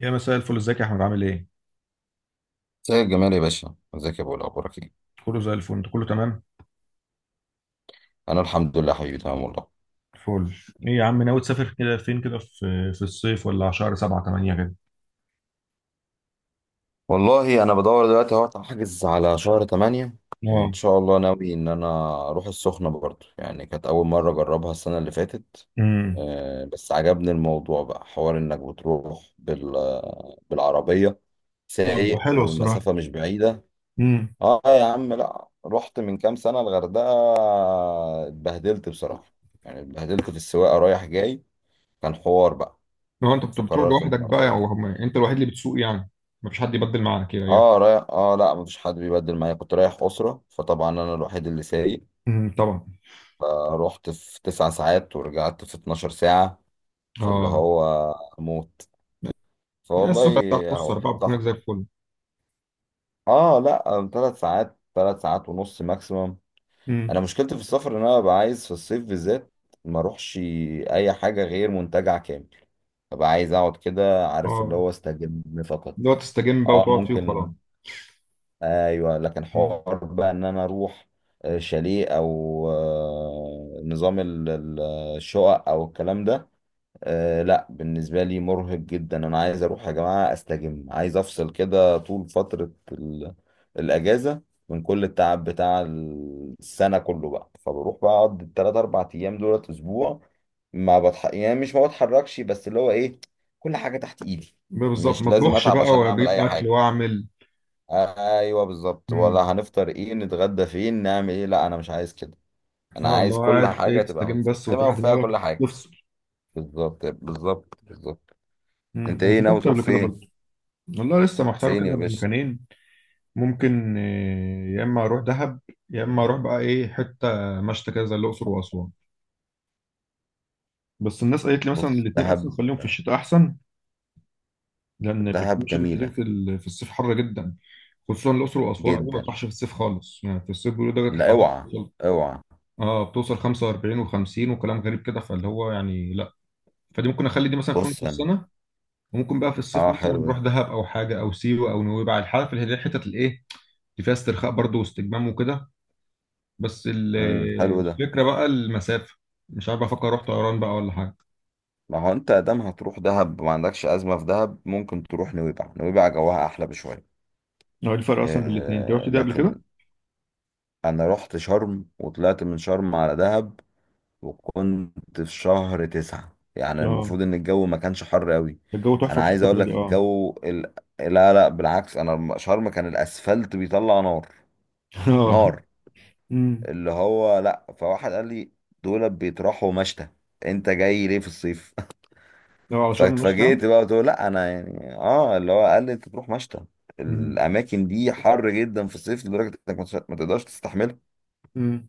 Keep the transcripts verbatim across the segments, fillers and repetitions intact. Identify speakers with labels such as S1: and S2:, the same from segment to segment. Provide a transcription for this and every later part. S1: يا مساء الفل، ازيك يا احمد؟ عامل ايه؟
S2: زي الجمال يا باشا، ازيك يا ابو؟ اخبارك ايه؟
S1: كله زي الفل، انت كله تمام؟
S2: انا الحمد لله حبيبي، تمام والله.
S1: فل. ايه يا عم، ناوي تسافر كده فين كده، في في الصيف ولا على شهر سبعة تمانية كده؟
S2: والله انا بدور دلوقتي اهو احجز على شهر تمانية. ان
S1: اه.
S2: شاء الله، ناوي ان انا اروح السخنه برضو، يعني كانت اول مره اجربها السنه اللي فاتت.
S1: امم
S2: آه، بس عجبني الموضوع بقى حوار انك بتروح بال بالعربيه
S1: طب
S2: سايق،
S1: حلو الصراحة.
S2: والمسافه مش بعيده.
S1: امم
S2: اه يا عم، لا، رحت من كام سنه الغردقه، اتبهدلت بصراحه، يعني اتبهدلت في السواقه رايح جاي، كان حوار بقى،
S1: لو انت بت- بتروح
S2: فقررت ان
S1: لوحدك
S2: انا
S1: بقى، او
S2: اغير.
S1: هم- انت الوحيد اللي بتسوق يعني؟ مفيش حد يبدل معاك كده يعني؟
S2: اه رايح، اه لا، مفيش حد بيبدل معايا، كنت رايح أسرة، فطبعا أنا الوحيد اللي سايق.
S1: امم طبعا.
S2: فروحت في تسع ساعات ورجعت في اتناشر ساعة. فاللي
S1: اه.
S2: هو موت،
S1: السوق بتاعت
S2: فوالله.
S1: نص
S2: هو حد
S1: اربعة بتكون هناك زي
S2: صاحبي.
S1: الفل.
S2: اه لا، ثلاث ساعات ثلاث ساعات ونص ماكسيمم.
S1: امم
S2: أنا مشكلتي في السفر إن أنا ببقى عايز في الصيف بالذات ما اروحش أي حاجة غير منتجع كامل. ببقى عايز أقعد كده، عارف، اللي
S1: اه،
S2: هو استجم فقط.
S1: اللي هو تستجم بقى
S2: اه
S1: وتقعد فيه وخلاص.
S2: ممكن. ايوه لكن
S1: مم.
S2: حوار بقى ان انا اروح آه، شاليه او آه، نظام ال- ال- الشقق او الكلام ده. آه، لا بالنسبه لي مرهق جدا، انا عايز اروح يا جماعه استجم، عايز افصل كده طول فتره ال- الاجازه من كل التعب بتاع السنه كله بقى. فبروح بقى اقعد الثلاث اربع ايام دولت اسبوع. ما بتح... يعني مش ما بتحركش، بس اللي هو ايه، كل حاجه تحت ايدي.
S1: بالظبط،
S2: مش
S1: ما
S2: لازم
S1: اطبخش
S2: اتعب
S1: بقى
S2: عشان
S1: ولا
S2: اعمل
S1: اجيب
S2: اي
S1: اكل
S2: حاجه.
S1: واعمل.
S2: ايوه بالظبط، ولا
S1: مم.
S2: هنفطر ايه، نتغدى فين، نعمل ايه، لا انا مش عايز كده. انا
S1: اه، اللي
S2: عايز
S1: هو
S2: كل
S1: قاعد ايه
S2: حاجه تبقى
S1: تستجم بس
S2: متسيستمه
S1: وتريح
S2: وفيها كل
S1: دماغك.
S2: حاجه. بالظبط، بالظبط، بالظبط.
S1: مم.
S2: انت
S1: انا
S2: ايه ناوي
S1: سافرت
S2: تروح
S1: قبل كده
S2: فين؟
S1: برضه. والله لسه محتار
S2: فين يا
S1: كده بين
S2: باشا؟
S1: مكانين. ممكن آه، يا اما اروح دهب، يا اما اروح بقى ايه حته مشتى كده زي الاقصر واسوان. بس الناس قالت لي مثلا
S2: بص
S1: الاثنين اصلا
S2: دهب.
S1: خليهم في الشتاء احسن، لان يبقى في
S2: دهب
S1: مشاكل كتير
S2: جميله
S1: في ال- في الصيف حر جدا، خصوصا الاقصر واسوان. قالوا ما
S2: جدا،
S1: تروحش في الصيف خالص، يعني في الصيف بيقولوا درجه
S2: لا
S1: الحراره
S2: اوعى،
S1: بتوصل
S2: اوعى.
S1: اه بتوصل خمسة واربعين و50 وكلام غريب كده، فاللي هو يعني لا. فدي ممكن اخلي دي مثلا في يوم في
S2: بص انا.
S1: السنه، وممكن بقى في الصيف
S2: اه
S1: مثلا
S2: حلو
S1: نروح
S2: ده.
S1: دهب او حاجه او سيوه او نويبع، الحاجه في اللي هي الحتت الايه دي فيها استرخاء برضه واستجمام وكده. بس ال-
S2: امم. حلو ده.
S1: الفكرة بقى المسافة، مش عارف افكر اروح طيران بقى ولا حاجة.
S2: ما هو انت ادام هتروح دهب، ما عندكش ازمه في دهب، ممكن تروح نويبع، نويبع جواها احلى بشويه.
S1: هو إيه الفرق اصلا بين الاثنين؟ انت رحت
S2: آه
S1: ده قبل
S2: لكن،
S1: كده؟
S2: انا رحت شرم وطلعت من شرم على دهب، وكنت في شهر تسعة، يعني
S1: اه،
S2: المفروض ان الجو ما كانش حر قوي.
S1: ده الجو
S2: انا
S1: تحفه في
S2: عايز اقول
S1: الفتره دي،
S2: لك
S1: اه.
S2: الجو ال... لا لا، بالعكس، انا لما- شرم كان الاسفلت بيطلع نار،
S1: اه.
S2: نار.
S1: امم
S2: اللي هو لا، فواحد قال لي دول بيطرحوا مشتى، انت جاي ليه في الصيف؟
S1: لو على شرم الناس
S2: فاتفاجئت
S1: تعمل.
S2: بقى بتقول لا انا، يعني اه، اللي هو قال لي انت تروح مشتى،
S1: امم
S2: الاماكن دي حر جدا في الصيف لدرجه انك ما تقدرش تستحملها.
S1: امم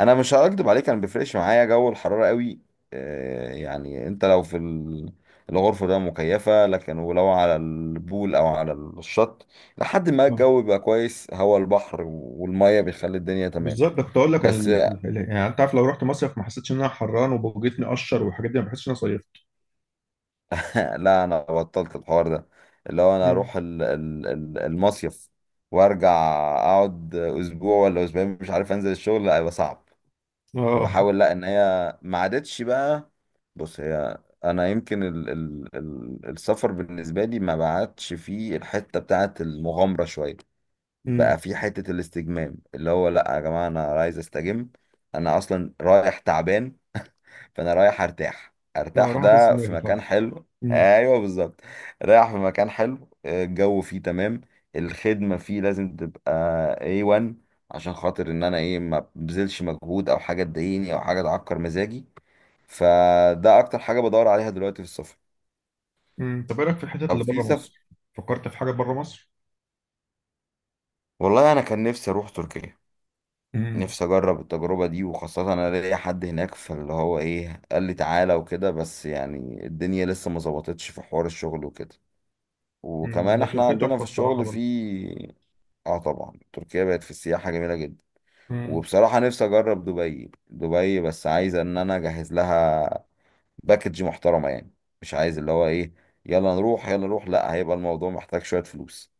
S2: انا مش هكدب عليك، انا ما بيفرقش معايا جو الحراره قوي. آه، يعني انت لو في ال- الغرفه ده مكيفه، لكن ولو على البول او على الشط لحد ما
S1: اه،
S2: الجو بيبقى كويس، هوا البحر والميه بيخلي الدنيا تمام.
S1: بالظبط. ده كنت اقول لك ال...
S2: بس.
S1: ال- ال- يعني انت عارف، لو رحت مصيف ما حسيتش ان انا حران وبوجتني قشر والحاجات دي، ما بحسش ان انا صيفت.
S2: لا انا بطلت الحوار ده. اللي هو انا
S1: امم
S2: اروح ال- ال- المصيف، اقعد مش عارف انزل الشغل.
S1: اه.
S2: احاول، لا انا ما عادش. انا يمكن ال ال ال السفر بالنسبه لي ما بعدش فيه الحته بتاعه المغامره شويه، بقى
S1: امم
S2: في حتة الاستجمام، اللي هو لا يا جماعة انا عايز استجم. انا اصلا رايح تعبان، فانا رايح ارتاح،
S1: اه،
S2: ارتاح
S1: راح افس
S2: ده في
S1: دماغي فعلا.
S2: مكان حلو،
S1: امم
S2: ايوه بالظبط. رايح في مكان حلو، آه، الجو فيه تمام، الخدمة فيه لازم تبقى اي وان عشان خاطر ان انا ايه ما ببذلش مجهود او حاجة تضايقني او حاجة تعكر مزاجي. فده اكتر حاجة بدور عليها دلوقتي في السفر.
S1: امم طب ايه رايك في الحتت
S2: طب
S1: اللي
S2: في
S1: بره
S2: سفر،
S1: مصر؟ فكرت في حاجه بره مصر؟
S2: والله انا كان نفسي اروح تركيا،
S1: امم
S2: نفسي اجرب التجربه دي، وخاصه انا ليا حد هناك، فاللي هو ايه، قال لي تعالى وكده، بس يعني الدنيا لسه ما ظبطتش في حوار الشغل وكده،
S1: مم.
S2: وكمان
S1: هي
S2: احنا
S1: تركيا
S2: عندنا
S1: تحفه
S2: في
S1: الصراحه
S2: الشغل في.
S1: برضه.
S2: اه طبعا، تركيا بقت في السياحه جميله جدا.
S1: امم
S2: وبصراحه نفسي اجرب دبي، دبي بس عايز ان انا اجهز لها باكج محترمه يعني، مش عايز اللي هو ايه يلا نروح، يلا نروح، لا هيبقى الموضوع محتاج شويه فلوس.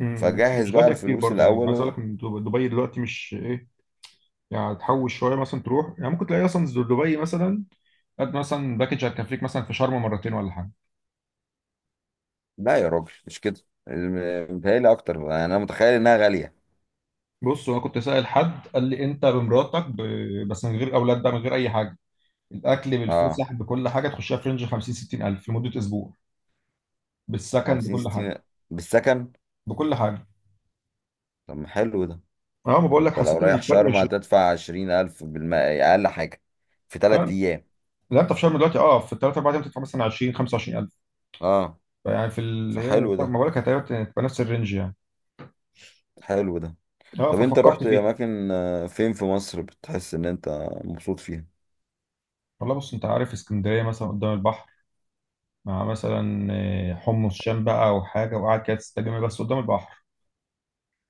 S1: امم بس
S2: فجهز
S1: مش
S2: بقى
S1: غاليه كتير
S2: الفلوس
S1: برضه، يعني عايز اقول
S2: الاول.
S1: لك ان دب- دبي دلوقتي مش ايه. يعني تحوش شويه مثلا تروح، يعني ممكن تلاقي اصلا دبي مثلا قد مثلا باكج هتكفيك مثلا في شرم مرتين ولا حاجه.
S2: لا يا راجل مش كده، الم- متهيألي أكتر يعني، أنا متخيل إنها غالية.
S1: بص انا كنت سائل حد قال لي، انت بمراتك ب... بس من غير اولاد بقى، من غير اي حاجه، الاكل
S2: أه،
S1: بالفسح بكل حاجه تخشها، في رينج خمسين ستين الف في مده اسبوع بالسكن
S2: خمسين
S1: بكل حاجه،
S2: ستين، بالسكن.
S1: بكل حاجه.
S2: طب ما حلو ده.
S1: اه، ما بقول لك،
S2: أنت لو
S1: حسيت ان
S2: رايح
S1: الفرق
S2: شرم
S1: مش.
S2: هتدفع عشرين ألف بالمائة أقل حاجة في تلات
S1: لا
S2: أيام
S1: لا، انت في شرم دلوقتي اه في تلات اربع ايام تدفع مثلا عشرين خمسة وعشرين الف.
S2: أه،
S1: يعني في ال... هي-
S2: فحلو
S1: طب ما
S2: ده،
S1: بقولك، هتبقى هتبقى نفس الرينج يعني.
S2: حلو ده.
S1: اه،
S2: طب أنت
S1: ففكرت
S2: رحت
S1: فيها.
S2: أماكن، آه، فين في مصر بتحس إن أنت مبسوط فيها؟
S1: والله بص، انت عارف اسكندريه مثلا قدام البحر مع مثلا آه، حمص
S2: حقيقي.
S1: شام بقى او حاجه، وقاعد كده تستجم بس قدام البحر،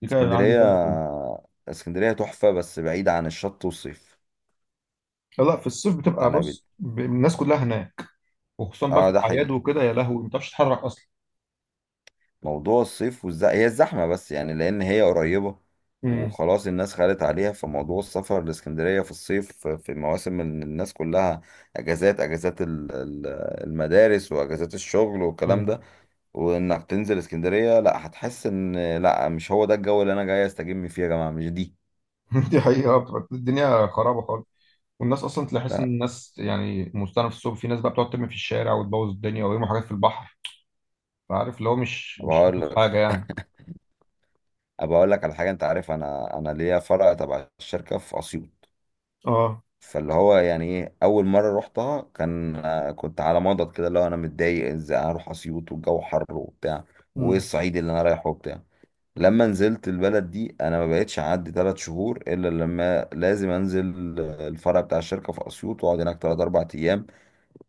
S1: دي كده عندي
S2: اسكندرية.
S1: زي الفل.
S2: اسكندرية تحفة بس بعيدة عن الشط والصيف.
S1: لا لا، في الصيف بتبقى،
S2: أنا بد...
S1: بص ب- الناس كلها هناك، وخصوصا بقى في
S2: أه، ده
S1: الاعياد
S2: حقيقي.
S1: وكده، يا لهوي ما بتعرفش تتحرك اصلا.
S2: موضوع الصيف والز... هي الزحمة بس يعني، لأن هي قريبة
S1: امم
S2: وخلاص الناس خدت عليها، فموضوع السفر لإسكندرية في الصيف في مواسم ال- الناس كلها أجازات، أجازات ال- ال- المدارس وأجازات الشغل والكلام
S1: امم
S2: ده، وإنك تنزل إسكندرية لا، هتحس إن لا مش هو ده الجو اللي أنا جاي أستجم فيه يا جماعة، مش دي
S1: دي حقيقه، بتبقى الدنيا خرابه خالص. والناس اصلا تحس ان
S2: لا.
S1: الناس، يعني مستنى في الصبح، في ناس بقى بتقعد ترمي في الشارع وتبوظ الدنيا ويرموا حاجات في البحر، فعارف اللي هو مش
S2: أبقى
S1: مش
S2: أقول
S1: ألطف
S2: لك
S1: حاجه يعني.
S2: أبقى أقول لك على حاجة، أنت عارف أنا أنا ليا فرع تبع الشركة في أسيوط.
S1: اه.
S2: فاللي هو يعني ايه، اول مره رحتها كان، آه، كنت على مضض كده، اللي هو انا متضايق ازاي هروح اسيوط والجو حر وبتاع، وايه
S1: امم
S2: الصعيد اللي انا رايحه وبتاع. لما نزلت البلد دي انا ما بقتش اعدي ثلاث شهور الا لما لازم انزل آه، الفرع بتاع الشركه في اسيوط، واقعد هناك ثلاث اربع ايام.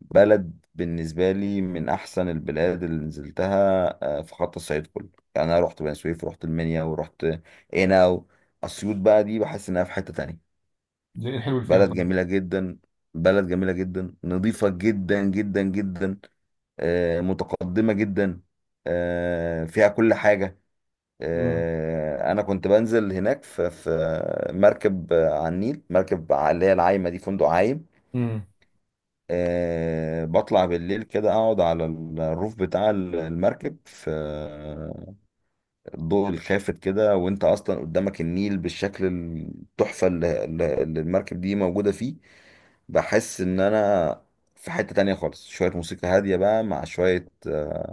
S2: بلد بالنسبه لي من احسن البلاد اللي نزلتها آه، في خط الصعيد كله. يعني انا رحت بني سويف، رحت المنيا، ورحت هنا. اسيوط بقى دي بحس انها في حته تانية.
S1: زي ايه الحلو اللي فيها
S2: بلد
S1: طيب؟
S2: جميلة جدا. بلد جميلة جدا، نظيفة جدا جدا جدا، آه، متقدمة جدا، آه، فيها كل حاجة.
S1: امم
S2: آه، أنا كنت بنزل هناك في في مركب آه، على النيل، مركب على- اللي هي العايمة دي، فندق عايم.
S1: امم
S2: آه، بطلع بالليل كده، أقعد على الروف بتاع المركب في آه، الضوء الخافت كده، وأنت أصلا قدامك النيل بالشكل التحفة اللي اللي- اللي المركب دي موجودة فيه. بحس ان انا في حتة تانية خالص، شوية موسيقى هادية بقى مع شوية آه،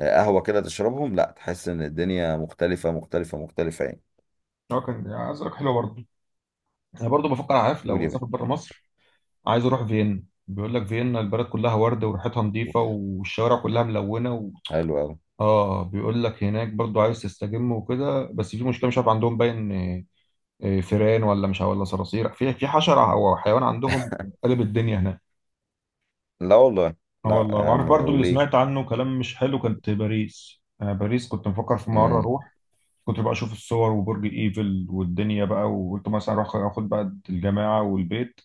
S2: قهوة كده تشربهم، لا تحس ان الدنيا مختلفة، مختلفة، مختلفة يعني.
S1: اه، كان عايز اقول لك حلوه برضه. انا برضه بفكر، عارف،
S2: قول
S1: لو
S2: يا
S1: اسافر
S2: باشا.
S1: بره مصر عايز اروح فيينا. بيقول لك فيينا البلد كلها ورد وريحتها
S2: قول.
S1: نظيفه والشوارع كلها ملونه و...
S2: حلو أوي.
S1: اه، بيقول لك هناك برضه عايز تستجم وكده، بس في مشكله مش عارف عندهم باين آه، آه، فيران، ولا مش عارف- ولا صراصير، في في حشره او حيوان عندهم، قلب الدنيا هناك.
S2: لا والله،
S1: اه
S2: لا
S1: والله،
S2: يا
S1: وعارف
S2: عم
S1: برضه اللي
S2: وليه.
S1: سمعت عنه كلام مش حلو كانت باريس. انا باريس كنت مفكر في مره
S2: امم.
S1: اروح، كنت بقى اشوف الصور وبرج ايفل والدنيا بقى، وقلت مثلا اروح اخد بقى الجماعه والبيت،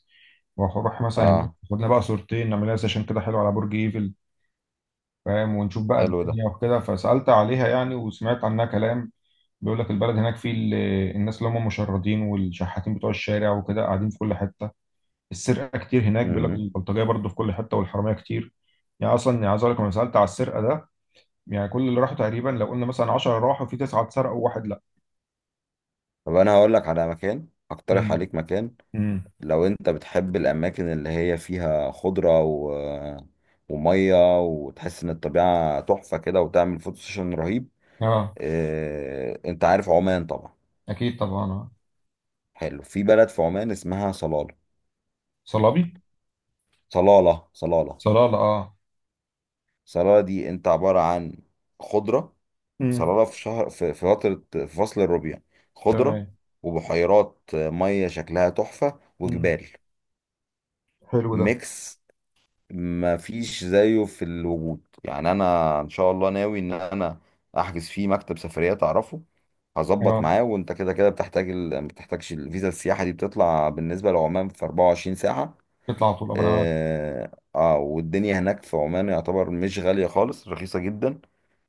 S1: واروح مثلا هناك
S2: اه
S1: خدنا بقى صورتين نعملها سيشن كده حلو على برج ايفل، فاهم، ونشوف بقى
S2: حلو ده.
S1: الدنيا وكده. فسالت عليها يعني وسمعت عنها كلام. بيقول لك البلد هناك فيه ال- الناس اللي هم المشردين والشحاتين بتوع الشارع وكده قاعدين في كل حته، السرقه كتير هناك، بيقول لك
S2: امم.
S1: البلطجيه برضه في كل حته والحراميه كتير. يعني اصلا، يعني عايز اقول لك لما سالت على السرقه ده، يعني كل اللي راحوا تقريبا لو قلنا مثلا عشرة راحوا في تسعه اتسرقوا وواحد لا.
S2: طب انا هقول لك على مكان، اقترح
S1: امم
S2: عليك مكان،
S1: امم
S2: لو انت بتحب الاماكن اللي هي فيها خضرة و... آه، ومية، وتحس ان الطبيعة تحفة كده، وتعمل فوتو سيشن رهيب.
S1: اه،
S2: آه، انت عارف عمان طبعا.
S1: اكيد طبعا. آه.
S2: حلو، في بلد في عمان اسمها صلالة.
S1: صلابي
S2: صلالة، صلالة.
S1: صلالة اه.
S2: صلالة دي انت عبارة عن خضرة.
S1: امم
S2: صلالة في شهر، في في فترة، في فصل الربيع، خضرة
S1: تمام.
S2: وبحيرات مية شكلها تحفة
S1: امم
S2: وجبال،
S1: حلو ده.
S2: ميكس ما فيش زيه في الوجود، يعني انا ان شاء الله ناوي ان انا احجز فيه. مكتب سفريات اعرفه، هظبط
S1: اه،
S2: معاه. وانت كده كده بتحتاج ال... ما بتحتاجش الفيزا، السياحة دي بتطلع بالنسبة لعمان في اربعة وعشرين ساعة.
S1: بيطلع على طول، أبقى انا عارف.
S2: اه، آه، والدنيا هناك في عمان يعتبر مش غالية خالص، رخيصة جدا.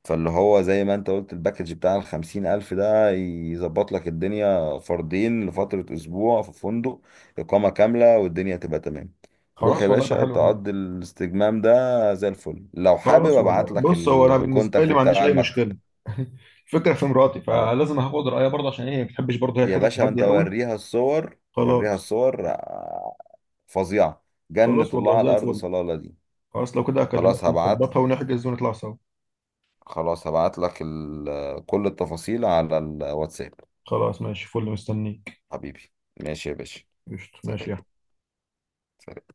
S2: فاللي هو زي ما انت قلت الباكج بتاع الخمسين ألف ده يظبط لك الدنيا فردين لفترة أسبوع في فندق إقامة كاملة، والدنيا تبقى تمام. تروح يا
S1: خلاص والله، يبقى
S2: باشا
S1: حلو قوي.
S2: تقضي الاستجمام ده زي الفل، لو حابب
S1: خلاص
S2: ابعت
S1: والله،
S2: لك
S1: بص هو انا بالنسبه
S2: الكونتاكت
S1: لي ما عنديش
S2: بتاع
S1: اي
S2: المكتب.
S1: مشكله. الفكره في مراتي،
S2: خلاص.
S1: فلازم هاخد رايها برضه، عشان هي ما بتحبش برضه، هي
S2: يا
S1: الحته
S2: باشا انت
S1: الهاديه قوي.
S2: وريها الصور، وريها
S1: خلاص.
S2: الصور، آه، فظيعة، جنة
S1: خلاص،
S2: الله
S1: والله
S2: على
S1: زي
S2: الأرض
S1: الفل.
S2: صلالة دي.
S1: خلاص لو كده اكلمك
S2: خلاص هبعت،
S1: ونظبطها ونحجز ونطلع سوا.
S2: خلاص هبعت لك ال- كل التفاصيل على الواتساب.
S1: خلاص ماشي، فل، مستنيك.
S2: حبيبي. ماشي يا باشا.
S1: قشطة، ماشي
S2: سلام.
S1: يا
S2: سلام.